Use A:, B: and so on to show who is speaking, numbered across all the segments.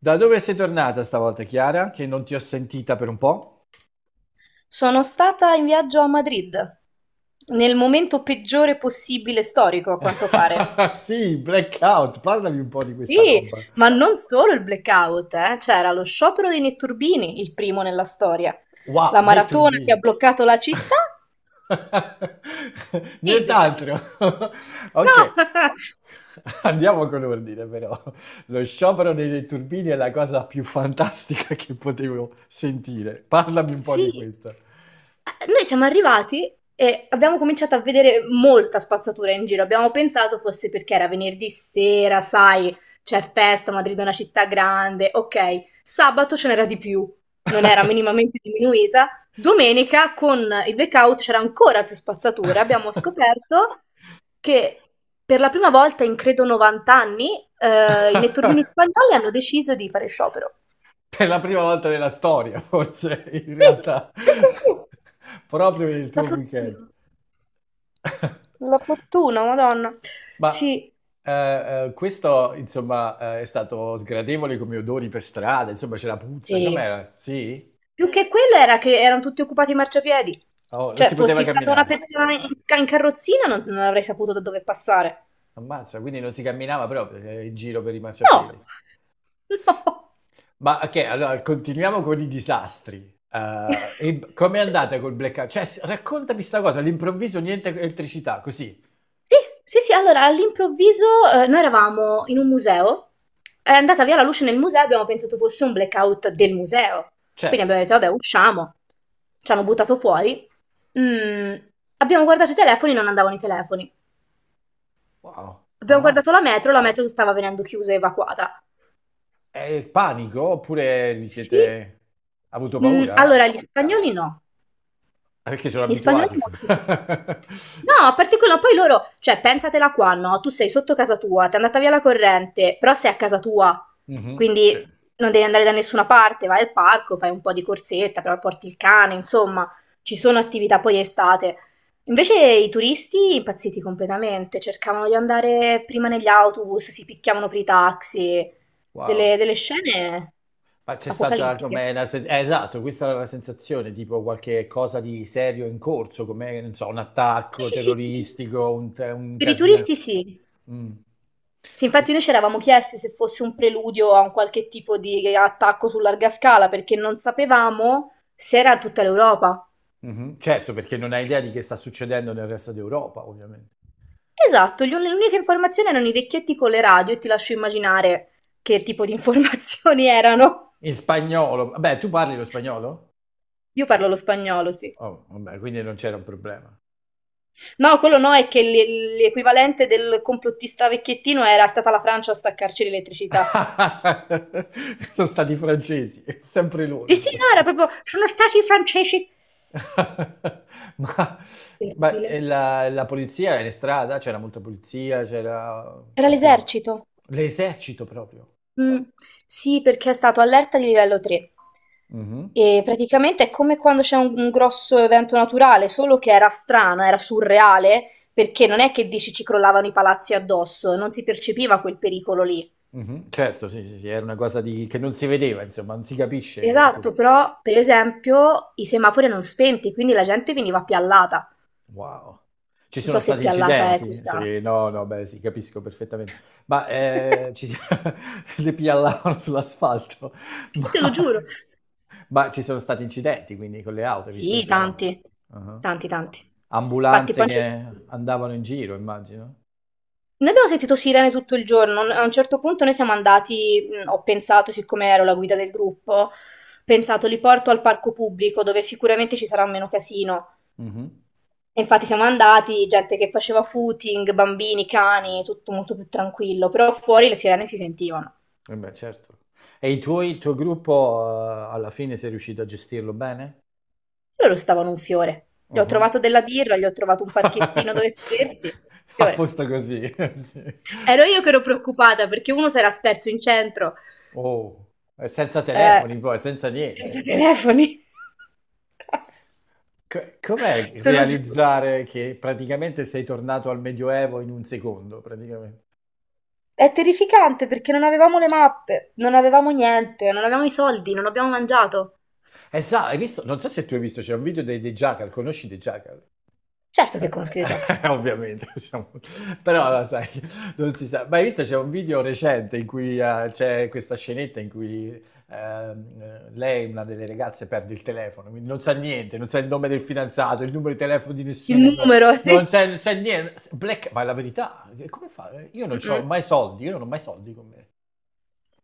A: Da dove sei tornata stavolta, Chiara? Che non ti ho sentita per un po'?
B: Sono stata in viaggio a Madrid, nel momento peggiore possibile storico, a quanto pare.
A: Sì, blackout, parlami un po' di questa
B: Sì,
A: roba.
B: ma non solo il blackout, eh. C'era lo sciopero dei netturbini, il primo nella storia,
A: Wow,
B: la maratona che ha
A: Netturbi.
B: bloccato la città e il blackout.
A: Nient'altro.
B: No!
A: Ok. Andiamo con ordine, però. Lo sciopero dei netturbini è la cosa più fantastica che potevo sentire. Parlami un po' di
B: Sì,
A: questa.
B: Noi siamo arrivati e abbiamo cominciato a vedere molta spazzatura in giro. Abbiamo pensato fosse perché era venerdì sera, sai, c'è festa, Madrid è una città grande, ok. Sabato ce n'era di più, non era minimamente diminuita. Domenica con il blackout c'era ancora più spazzatura. Abbiamo scoperto che per la prima volta in credo 90 anni i netturbini spagnoli hanno deciso di fare sciopero.
A: Per la prima volta nella storia, forse, in
B: Sì,
A: realtà,
B: sì, sì, sì.
A: proprio nel
B: La
A: tuo weekend.
B: fortuna. La fortuna, Madonna.
A: Ma
B: Sì.
A: eh, questo, insomma, è stato sgradevole come odori per strada, insomma, c'era puzza,
B: Sì.
A: com'era? Sì?
B: Più che quello era che erano tutti occupati i marciapiedi.
A: Oh, non
B: Cioè,
A: si poteva
B: fossi stata una
A: camminare.
B: persona in carrozzina, non avrei saputo da dove passare.
A: Ammazza, quindi non si camminava proprio in giro per i
B: No.
A: marciapiedi.
B: No.
A: Ma ok, allora continuiamo con i disastri. E com'è andata col blackout? Cioè, raccontami sta cosa, all'improvviso niente elettricità, così.
B: Sì, sì, sì, allora all'improvviso noi eravamo in un museo. È andata via la luce nel museo, abbiamo pensato fosse un blackout del museo. Quindi
A: Certo.
B: abbiamo detto, vabbè, usciamo. Ci hanno buttato fuori. Mm, Abbiamo guardato i telefoni, non andavano i telefoni.
A: Wow,
B: Abbiamo
A: ammazza.
B: guardato la metro stava venendo chiusa e evacuata.
A: È il panico oppure vi
B: Sì,
A: siete ha avuto paura?
B: allora gli spagnoli no.
A: Ah, perché sono
B: Gli spagnoli
A: abituati.
B: molto sì. No, particolare, poi loro, cioè, pensatela qua, no? Tu sei sotto casa tua, ti è andata via la corrente, però sei a casa tua,
A: Mhm. Sì.
B: quindi non devi andare da nessuna parte, vai al parco, fai un po' di corsetta, però porti il cane, insomma, ci sono attività poi estate. Invece i turisti impazziti completamente, cercavano di andare prima negli autobus, si picchiavano per i taxi,
A: Wow.
B: delle scene
A: Ma c'è stata
B: apocalittiche.
A: come esatto, questa era la sensazione, tipo qualche cosa di serio in corso, come, non so, un
B: Sì,
A: attacco
B: sì, sì, sì.
A: terroristico, un
B: Per i
A: casino.
B: turisti sì.
A: Mm.
B: Sì, infatti noi ci eravamo chiesti se fosse un preludio a un qualche tipo di attacco su larga scala, perché non sapevamo se era tutta l'Europa.
A: Mhm. Certo, perché non hai idea di che sta succedendo nel resto d'Europa, ovviamente.
B: Esatto, le uniche informazioni erano i vecchietti con le radio e ti lascio immaginare che tipo di informazioni erano.
A: In spagnolo. Beh, tu parli lo spagnolo?
B: Io parlo lo spagnolo, sì.
A: Oh, vabbè, quindi non c'era un problema.
B: No, quello no, è che l'equivalente del complottista vecchiettino era stata la Francia a staccarci l'elettricità.
A: Sono stati i francesi, sempre loro
B: Sì, sì,
A: sono.
B: no, era proprio, sono stati i francesi.
A: Ma, ma e
B: Terribile.
A: la polizia era in strada? C'era molta polizia? C'era...
B: Era
A: Oppure...
B: l'esercito.
A: L'esercito proprio?
B: Mm, sì, perché è stato allerta di livello 3.
A: Mhm,
B: E praticamente è come quando c'è un grosso evento naturale, solo che era strano, era surreale, perché non è che dici ci crollavano i palazzi addosso, non si percepiva quel pericolo lì.
A: mhm. Certo, sì, sì, sì, era una cosa che non si vedeva, insomma, non si capisce di che cosa.
B: Esatto, però per esempio i semafori erano spenti, quindi la gente veniva piallata.
A: Wow. Ci
B: Non
A: sono
B: so se
A: stati
B: piallata è
A: incidenti?
B: toscana.
A: Sì, no, no, beh, sì, capisco perfettamente. Ma, ci si le piallavano sull'asfalto,
B: Sì, te lo
A: ma
B: giuro.
A: ma ci sono stati incidenti, quindi con le auto, hai visto
B: Sì,
A: inciden
B: tanti,
A: ah-ah.
B: tanti, tanti. Infatti, poi
A: Ambulanze che andavano in giro, immagino.
B: noi abbiamo sentito sirene tutto il giorno, a un certo punto noi siamo andati, ho pensato, siccome ero la guida del gruppo, ho pensato li porto al parco pubblico dove sicuramente ci sarà meno casino.
A: Mh-mh.
B: E infatti siamo andati, gente che faceva footing, bambini, cani, tutto molto più tranquillo, però fuori le sirene si sentivano.
A: Eh beh, certo. E i tuoi il tuo gruppo, alla fine sei riuscito a gestirlo bene?
B: Loro stavano un fiore. Gli ho
A: Ah-ah.
B: trovato della birra, gli ho trovato un parchettino dove sedersi, fiore.
A: Apposta così, sì.
B: Ero io che ero preoccupata perché uno si era sperso in centro,
A: Oh, e senza
B: eh,
A: telefoni poi, senza
B: senza
A: niente.
B: telefoni.
A: Com'è
B: Te lo giuro.
A: realizzare che praticamente sei tornato al Medioevo in un secondo, praticamente?
B: È terrificante perché non avevamo le mappe, non avevamo niente, non avevamo i soldi, non abbiamo mangiato.
A: Hai visto, non so se tu hai visto, c'è un video dei The Jackal, conosci The Jackal?
B: Certo
A: Eh,
B: che conosco i gioca.
A: Ovviamente, siamo... però lo
B: Domande.
A: sai, non si sa. Ma hai visto c'è un video recente in cui c'è questa scenetta in cui lei, una delle ragazze, perde il telefono, quindi non sa niente, non sa il nome del fidanzato, il numero di telefono di
B: Il
A: nessuno,
B: numero,
A: non
B: sì.
A: c'è, non c'è niente. Ma è la verità, come fa? Io non ho
B: Mm-mm.
A: mai soldi, io non ho mai soldi con me.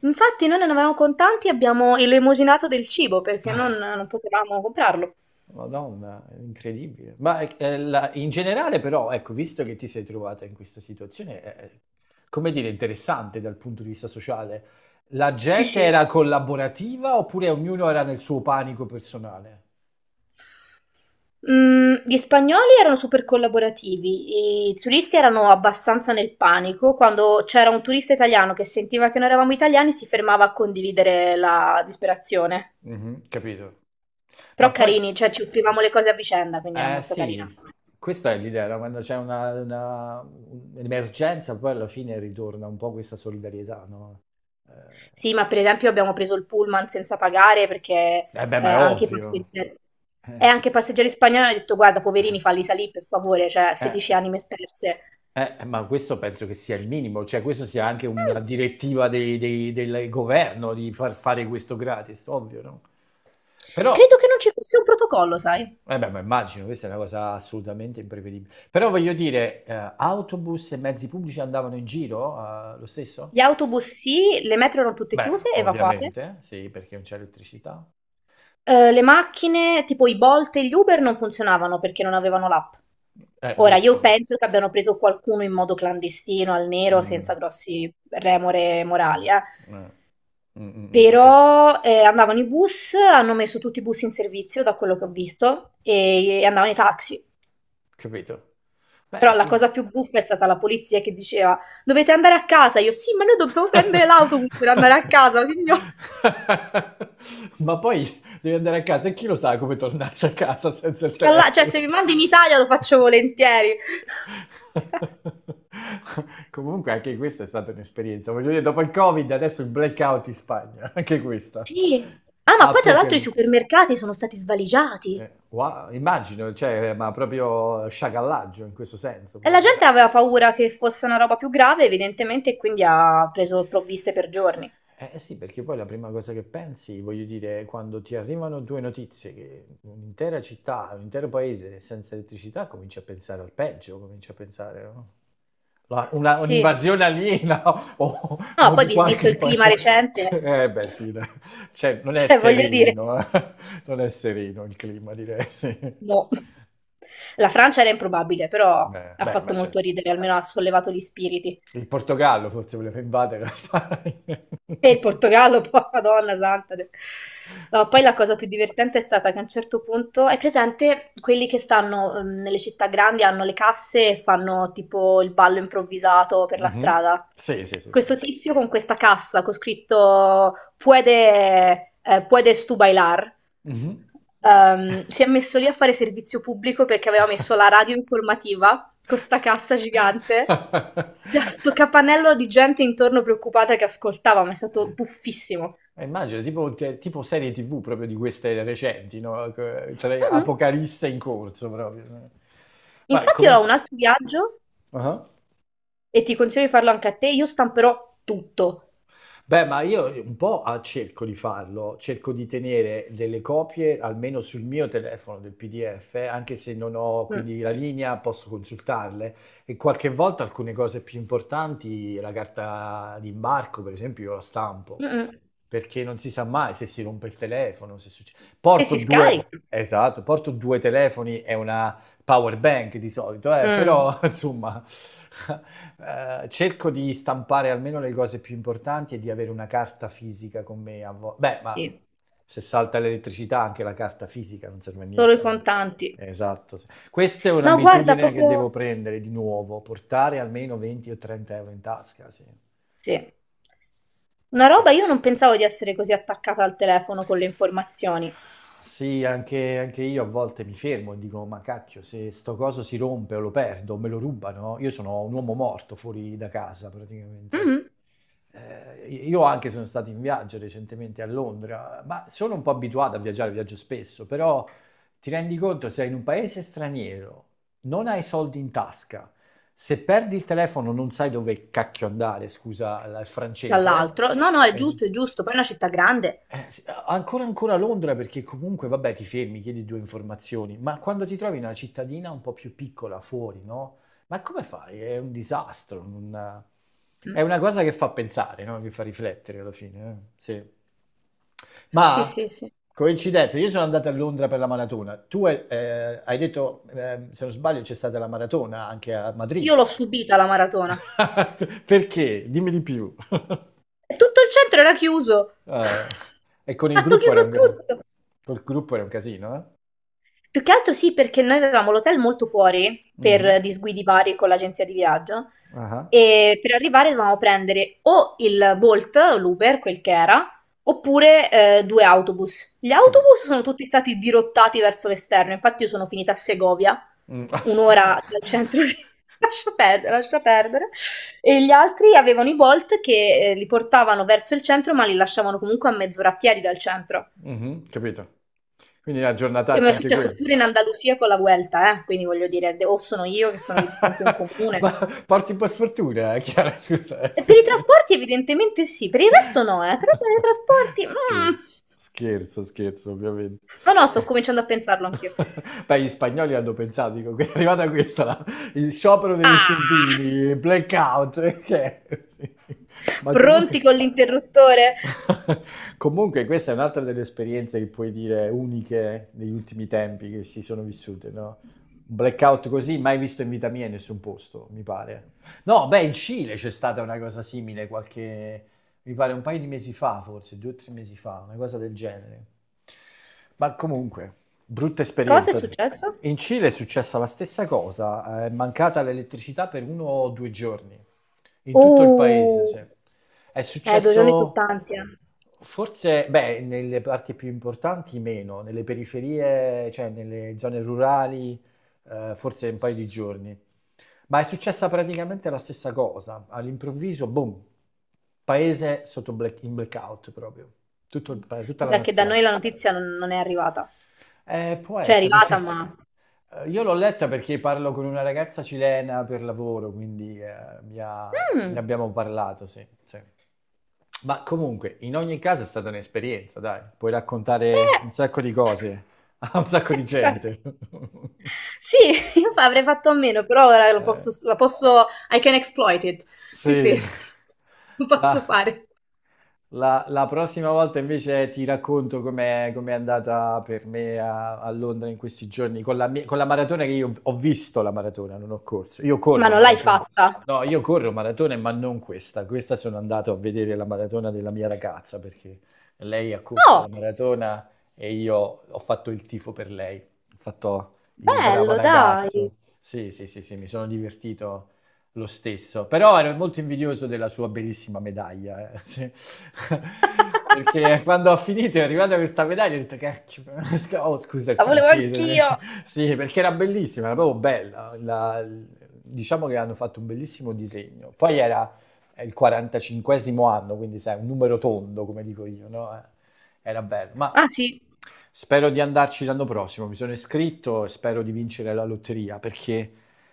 B: Infatti noi non avevamo contanti e abbiamo elemosinato del cibo perché non potevamo comprarlo.
A: Madonna, è incredibile. Ma in generale però, ecco, visto che ti sei trovata in questa situazione, come dire, interessante dal punto di vista sociale, la
B: Sì,
A: gente
B: sì.
A: era collaborativa oppure ognuno era nel suo panico personale?
B: Gli spagnoli erano super collaborativi, i turisti erano abbastanza nel panico. Quando c'era un turista italiano che sentiva che noi eravamo italiani, si fermava a condividere la disperazione.
A: Mhm, capito.
B: Però
A: Ma poi,
B: carini, cioè ci offrivamo le cose a vicenda, quindi era
A: eh
B: molto carina.
A: sì, questa è l'idea, no? Quando c'è un'emergenza, poi alla fine ritorna un po' questa solidarietà, no? Eh,
B: Sì, ma per esempio abbiamo preso il pullman senza pagare perché
A: eh beh,
B: eh,
A: ma è
B: anche i
A: ovvio.
B: passeggeri, e
A: Eh,
B: anche i passeggeri spagnoli hanno detto guarda, poverini, falli salire per favore, cioè
A: eh. eh.
B: 16 anime sperse.
A: Ma questo penso che sia il minimo, cioè questo sia anche
B: Mm,
A: una direttiva dei del governo di far fare questo gratis, ovvio, no? Però,
B: Credo che non ci fosse un protocollo, sai?
A: eh beh, ma immagino, questa è una cosa assolutamente imprevedibile. Però voglio dire, autobus e mezzi pubblici andavano in giro, lo stesso?
B: Gli autobus sì, le metro erano tutte
A: Beh,
B: chiuse, evacuate.
A: ovviamente, sì, perché non c'è elettricità.
B: Le macchine, tipo i Bolt e gli Uber, non funzionavano perché non avevano l'app. Ora, io
A: Giusto.
B: penso che abbiano preso qualcuno in modo clandestino, al nero,
A: Mm,
B: senza grossi remore morali, eh.
A: eh, cioè,
B: Però andavano i bus, hanno messo tutti i bus in servizio, da quello che ho visto, e andavano i taxi.
A: capito? Beh,
B: Però la
A: sì.
B: cosa più buffa è stata la polizia che diceva: Dovete andare a casa. Io, sì, ma noi dobbiamo prendere l'autobus per andare a casa, signor.
A: Ma poi devi andare a casa e chi lo sa come tornarci a casa senza il
B: Cioè,
A: telefono?
B: se mi mandi in Italia lo faccio volentieri.
A: Comunque anche questa è stata un'esperienza. Voglio dire, dopo il Covid, adesso il blackout in Spagna, anche questa.
B: Sì. Ah, ma poi tra l'altro i
A: Apocalisse.
B: supermercati sono stati svaligiati.
A: Wow, immagino, cioè, ma proprio sciacallaggio in questo senso,
B: E la
A: proprio.
B: gente aveva paura che fosse una roba più grave, evidentemente, e quindi ha preso provviste per giorni.
A: Eh sì, perché poi la prima cosa che pensi, voglio dire, quando ti arrivano due notizie che un'intera città, un intero paese è senza elettricità, cominci a pensare al peggio, cominci a pensare no?
B: Sì, sì.
A: Un'invasione aliena o,
B: No,
A: o
B: poi
A: di
B: visto
A: qualche
B: il clima
A: paese.
B: recente,
A: Eh beh sì, dai. Cioè non è
B: cioè voglio
A: sereno,
B: dire,
A: eh. Non è sereno il clima, direi, sì.
B: no. La Francia era improbabile, però
A: Beh,
B: ha
A: beh,
B: fatto
A: ma
B: molto
A: certo.
B: ridere, almeno ha sollevato gli spiriti.
A: Il Portogallo forse voleva invadere la Spagna.
B: E il Portogallo, poi, Madonna santa. No, poi la cosa più divertente è stata che a un certo punto, hai presente quelli che stanno nelle città grandi, hanno le casse e fanno tipo il ballo improvvisato per la
A: Mhm.
B: strada?
A: Sì, sì, sì, sì.
B: Questo tizio con questa cassa con scritto puedes tú bailar
A: Mhm.
B: si è messo lì a fare servizio pubblico perché aveva messo la radio informativa con 'sta cassa gigante, c'era sto capannello di gente intorno preoccupata che ascoltava, ma è stato buffissimo.
A: Immagino, tipo serie TV proprio di queste recenti, no? Cioè,
B: Mh-mh.
A: Apocalisse in corso proprio. Ma
B: Infatti io ho
A: comunque...
B: un altro viaggio,
A: uh-huh.
B: e ti consiglio di farlo anche a te, io stamperò tutto.
A: Beh, ma io un po' a cerco di farlo, cerco di tenere delle copie almeno sul mio telefono del PDF, anche se non ho
B: Mh.
A: quindi la linea, posso consultarle e qualche volta alcune cose più importanti, la carta d'imbarco per esempio, io la stampo
B: Mh-mh.
A: perché non si sa mai se si rompe il telefono, se succede.
B: E
A: Porto
B: si
A: due,
B: scarica.
A: esatto, porto due telefoni e una power bank di solito,
B: Mh.
A: però insomma cerco di stampare almeno le cose più importanti e di avere una carta fisica con me. Beh, ma
B: Sì,
A: se salta l'elettricità anche la carta fisica non serve a
B: solo
A: niente.
B: i contanti.
A: Esatto. Sì. Questa è
B: No, guarda,
A: un'abitudine che
B: proprio
A: devo prendere di nuovo, portare almeno 20 o 30 euro in tasca, sì.
B: sì. Una
A: Eh.
B: roba io non pensavo di essere così attaccata al telefono con le informazioni.
A: Sì, anche io a volte mi fermo e dico: "Ma cacchio, se sto coso si rompe o lo perdo o me lo rubano, io sono un uomo morto fuori da casa praticamente".
B: Mh-mh.
A: I io anche sono stato in viaggio recentemente a Londra, ma sono un po' abituato a viaggiare, viaggio spesso, però ti rendi conto sei in un paese straniero, non hai soldi in tasca, se perdi il telefono non sai dove cacchio andare, scusa la il francese.
B: Dall'altro. No, no, è
A: Es
B: giusto, è giusto. Poi è una città grande.
A: s a ancora ancora a Londra perché comunque vabbè ti fermi, chiedi 2 informazioni, ma quando ti trovi in una cittadina un po' più piccola fuori, no, ma come fai? È un disastro, un è
B: Mm.
A: una cosa che fa pensare, no, che fa riflettere alla fine, sì.
B: Sì,
A: Ma,
B: sì, sì.
A: coincidenza, io sono andato a Londra per la maratona. Tu hai detto, se non sbaglio c'è stata la maratona anche a
B: Io
A: Madrid.
B: l'ho subita la maratona.
A: Perché? Dimmi di più.
B: E tutto il centro era chiuso.
A: Ah. E con il
B: Hanno
A: gruppo era
B: chiuso
A: un, ca-
B: tutto.
A: col gruppo era un casino, eh?
B: Più che altro sì, perché noi avevamo l'hotel molto fuori per
A: Mhm.
B: disguidi vari con l'agenzia di viaggio.
A: Ah,
B: E per arrivare dovevamo prendere o il Bolt, o l'Uber, quel che era, oppure due autobus. Gli
A: capito.
B: autobus sono tutti stati dirottati verso l'esterno, infatti io sono finita a Segovia,
A: Mm.
B: un'ora dal centro di— Lascia perdere, lascia perdere. E gli altri avevano i Bolt che li portavano verso il centro, ma li lasciavano comunque a mezz'ora a piedi dal centro.
A: Mhm, capito. Quindi la
B: E mi
A: giornataccia
B: è
A: anche
B: successo
A: quella.
B: pure in Andalusia con la Vuelta, eh. Quindi voglio dire, o sono io che sono il punto in
A: Ma
B: comune.
A: porti un po' sfortuna, Chiara, scusa.
B: E per i trasporti evidentemente sì, per il resto no, eh. Però per i trasporti—
A: Scherzo,
B: Mm.
A: scherzo, scherzo, ovviamente.
B: No, no, sto cominciando a pensarlo anch'io.
A: Beh, gli spagnoli hanno pensato, dico, è arrivata questa, il sciopero degli
B: Ah!
A: stupini, blackout, che è? Sì. Ma
B: Pronti
A: comunque...
B: con l'interruttore?
A: Comunque questa è un'altra delle esperienze che puoi dire uniche negli ultimi tempi che si sono vissute, no? Un blackout così mai visto in vita mia in nessun posto, mi pare. No, beh, in Cile c'è stata una cosa simile qualche, mi pare un paio di mesi fa, forse, due o tre mesi fa, una cosa del genere. Ma comunque. Brutta
B: Cosa è
A: esperienza.
B: successo?
A: In Cile è successa la stessa cosa, è mancata l'elettricità per uno o due giorni, in tutto il paese, sì.
B: Oh!
A: È
B: 2 giorni sono
A: successo
B: tanti, eh.
A: forse, beh, nelle parti più importanti meno, nelle periferie, cioè nelle zone rurali, forse un paio di giorni. Ma è successa praticamente la stessa cosa, all'improvviso, boom, paese in blackout proprio, tutta
B: Mi
A: la
B: sa che da
A: nazione.
B: noi la notizia non è arrivata.
A: Può
B: Cioè è
A: essere
B: arrivata,
A: perché...
B: ma—
A: Io l'ho letta perché parlo con una ragazza cilena per lavoro, quindi ne
B: Mm,
A: abbiamo parlato, sì, sì. Ma comunque, in ogni caso è stata un'esperienza, dai, puoi raccontare
B: eh.
A: un sacco di cose a un sacco di
B: Guarda,
A: gente.
B: sì, io avrei fatto a meno, però ora lo
A: Eh,
B: posso, la posso— I can exploit it. Sì,
A: sì,
B: sì, lo posso
A: la,
B: fare.
A: la prossima volta invece ti racconto com'è andata per me a, Londra in questi giorni con con la maratona che io ho visto la maratona, non ho corso. Io
B: Ma
A: corro
B: non l'hai
A: maratona.
B: fatta?
A: No, io corro maratone, ma non questa. Questa sono andato a vedere la maratona della mia ragazza perché lei ha corso
B: Oh,
A: la maratona e io ho fatto il tifo per lei. Ho fatto il bravo
B: bello, dai.
A: ragazzo. Sì, sì, sì, sì, mi sono divertito lo stesso, però ero molto invidioso della sua bellissima medaglia, sì. Perché quando ho finito è arrivata questa medaglia ho detto cacchio, oh scusa il
B: La volevo
A: francese,
B: anch'io!
A: sì perché era bellissima, era proprio bella, diciamo che hanno fatto un bellissimo disegno, poi era il 45esimo anno, quindi sai, un numero tondo come dico io, no? Era bello, ma...
B: Ah, sì.
A: Spero di andarci l'anno prossimo, mi sono iscritto e spero di vincere la lotteria perché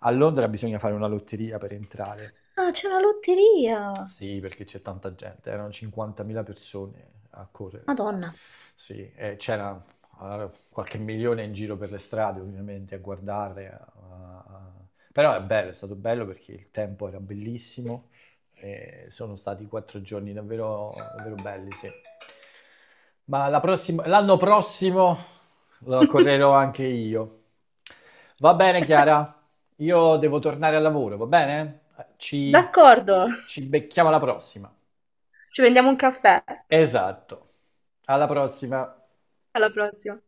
A: a Londra bisogna fare una lotteria per entrare.
B: Ah, c'è la lotteria.
A: Sì, perché c'è tanta gente, erano 50.000 persone a correre.
B: Madonna.
A: Sì, e c'era allora, qualche milione in giro per le strade, ovviamente, a guardare. A- Però è bello, è stato bello perché il tempo era bellissimo, e sono stati quattro giorni davvero, davvero belli, sì. Ma l'anno prossimo lo correrò anche io. Va bene, Chiara? Io devo tornare al lavoro, va bene? Ci,
B: D'accordo.
A: ci becchiamo alla prossima.
B: Ci prendiamo un caffè.
A: Esatto. Alla prossima.
B: Alla prossima.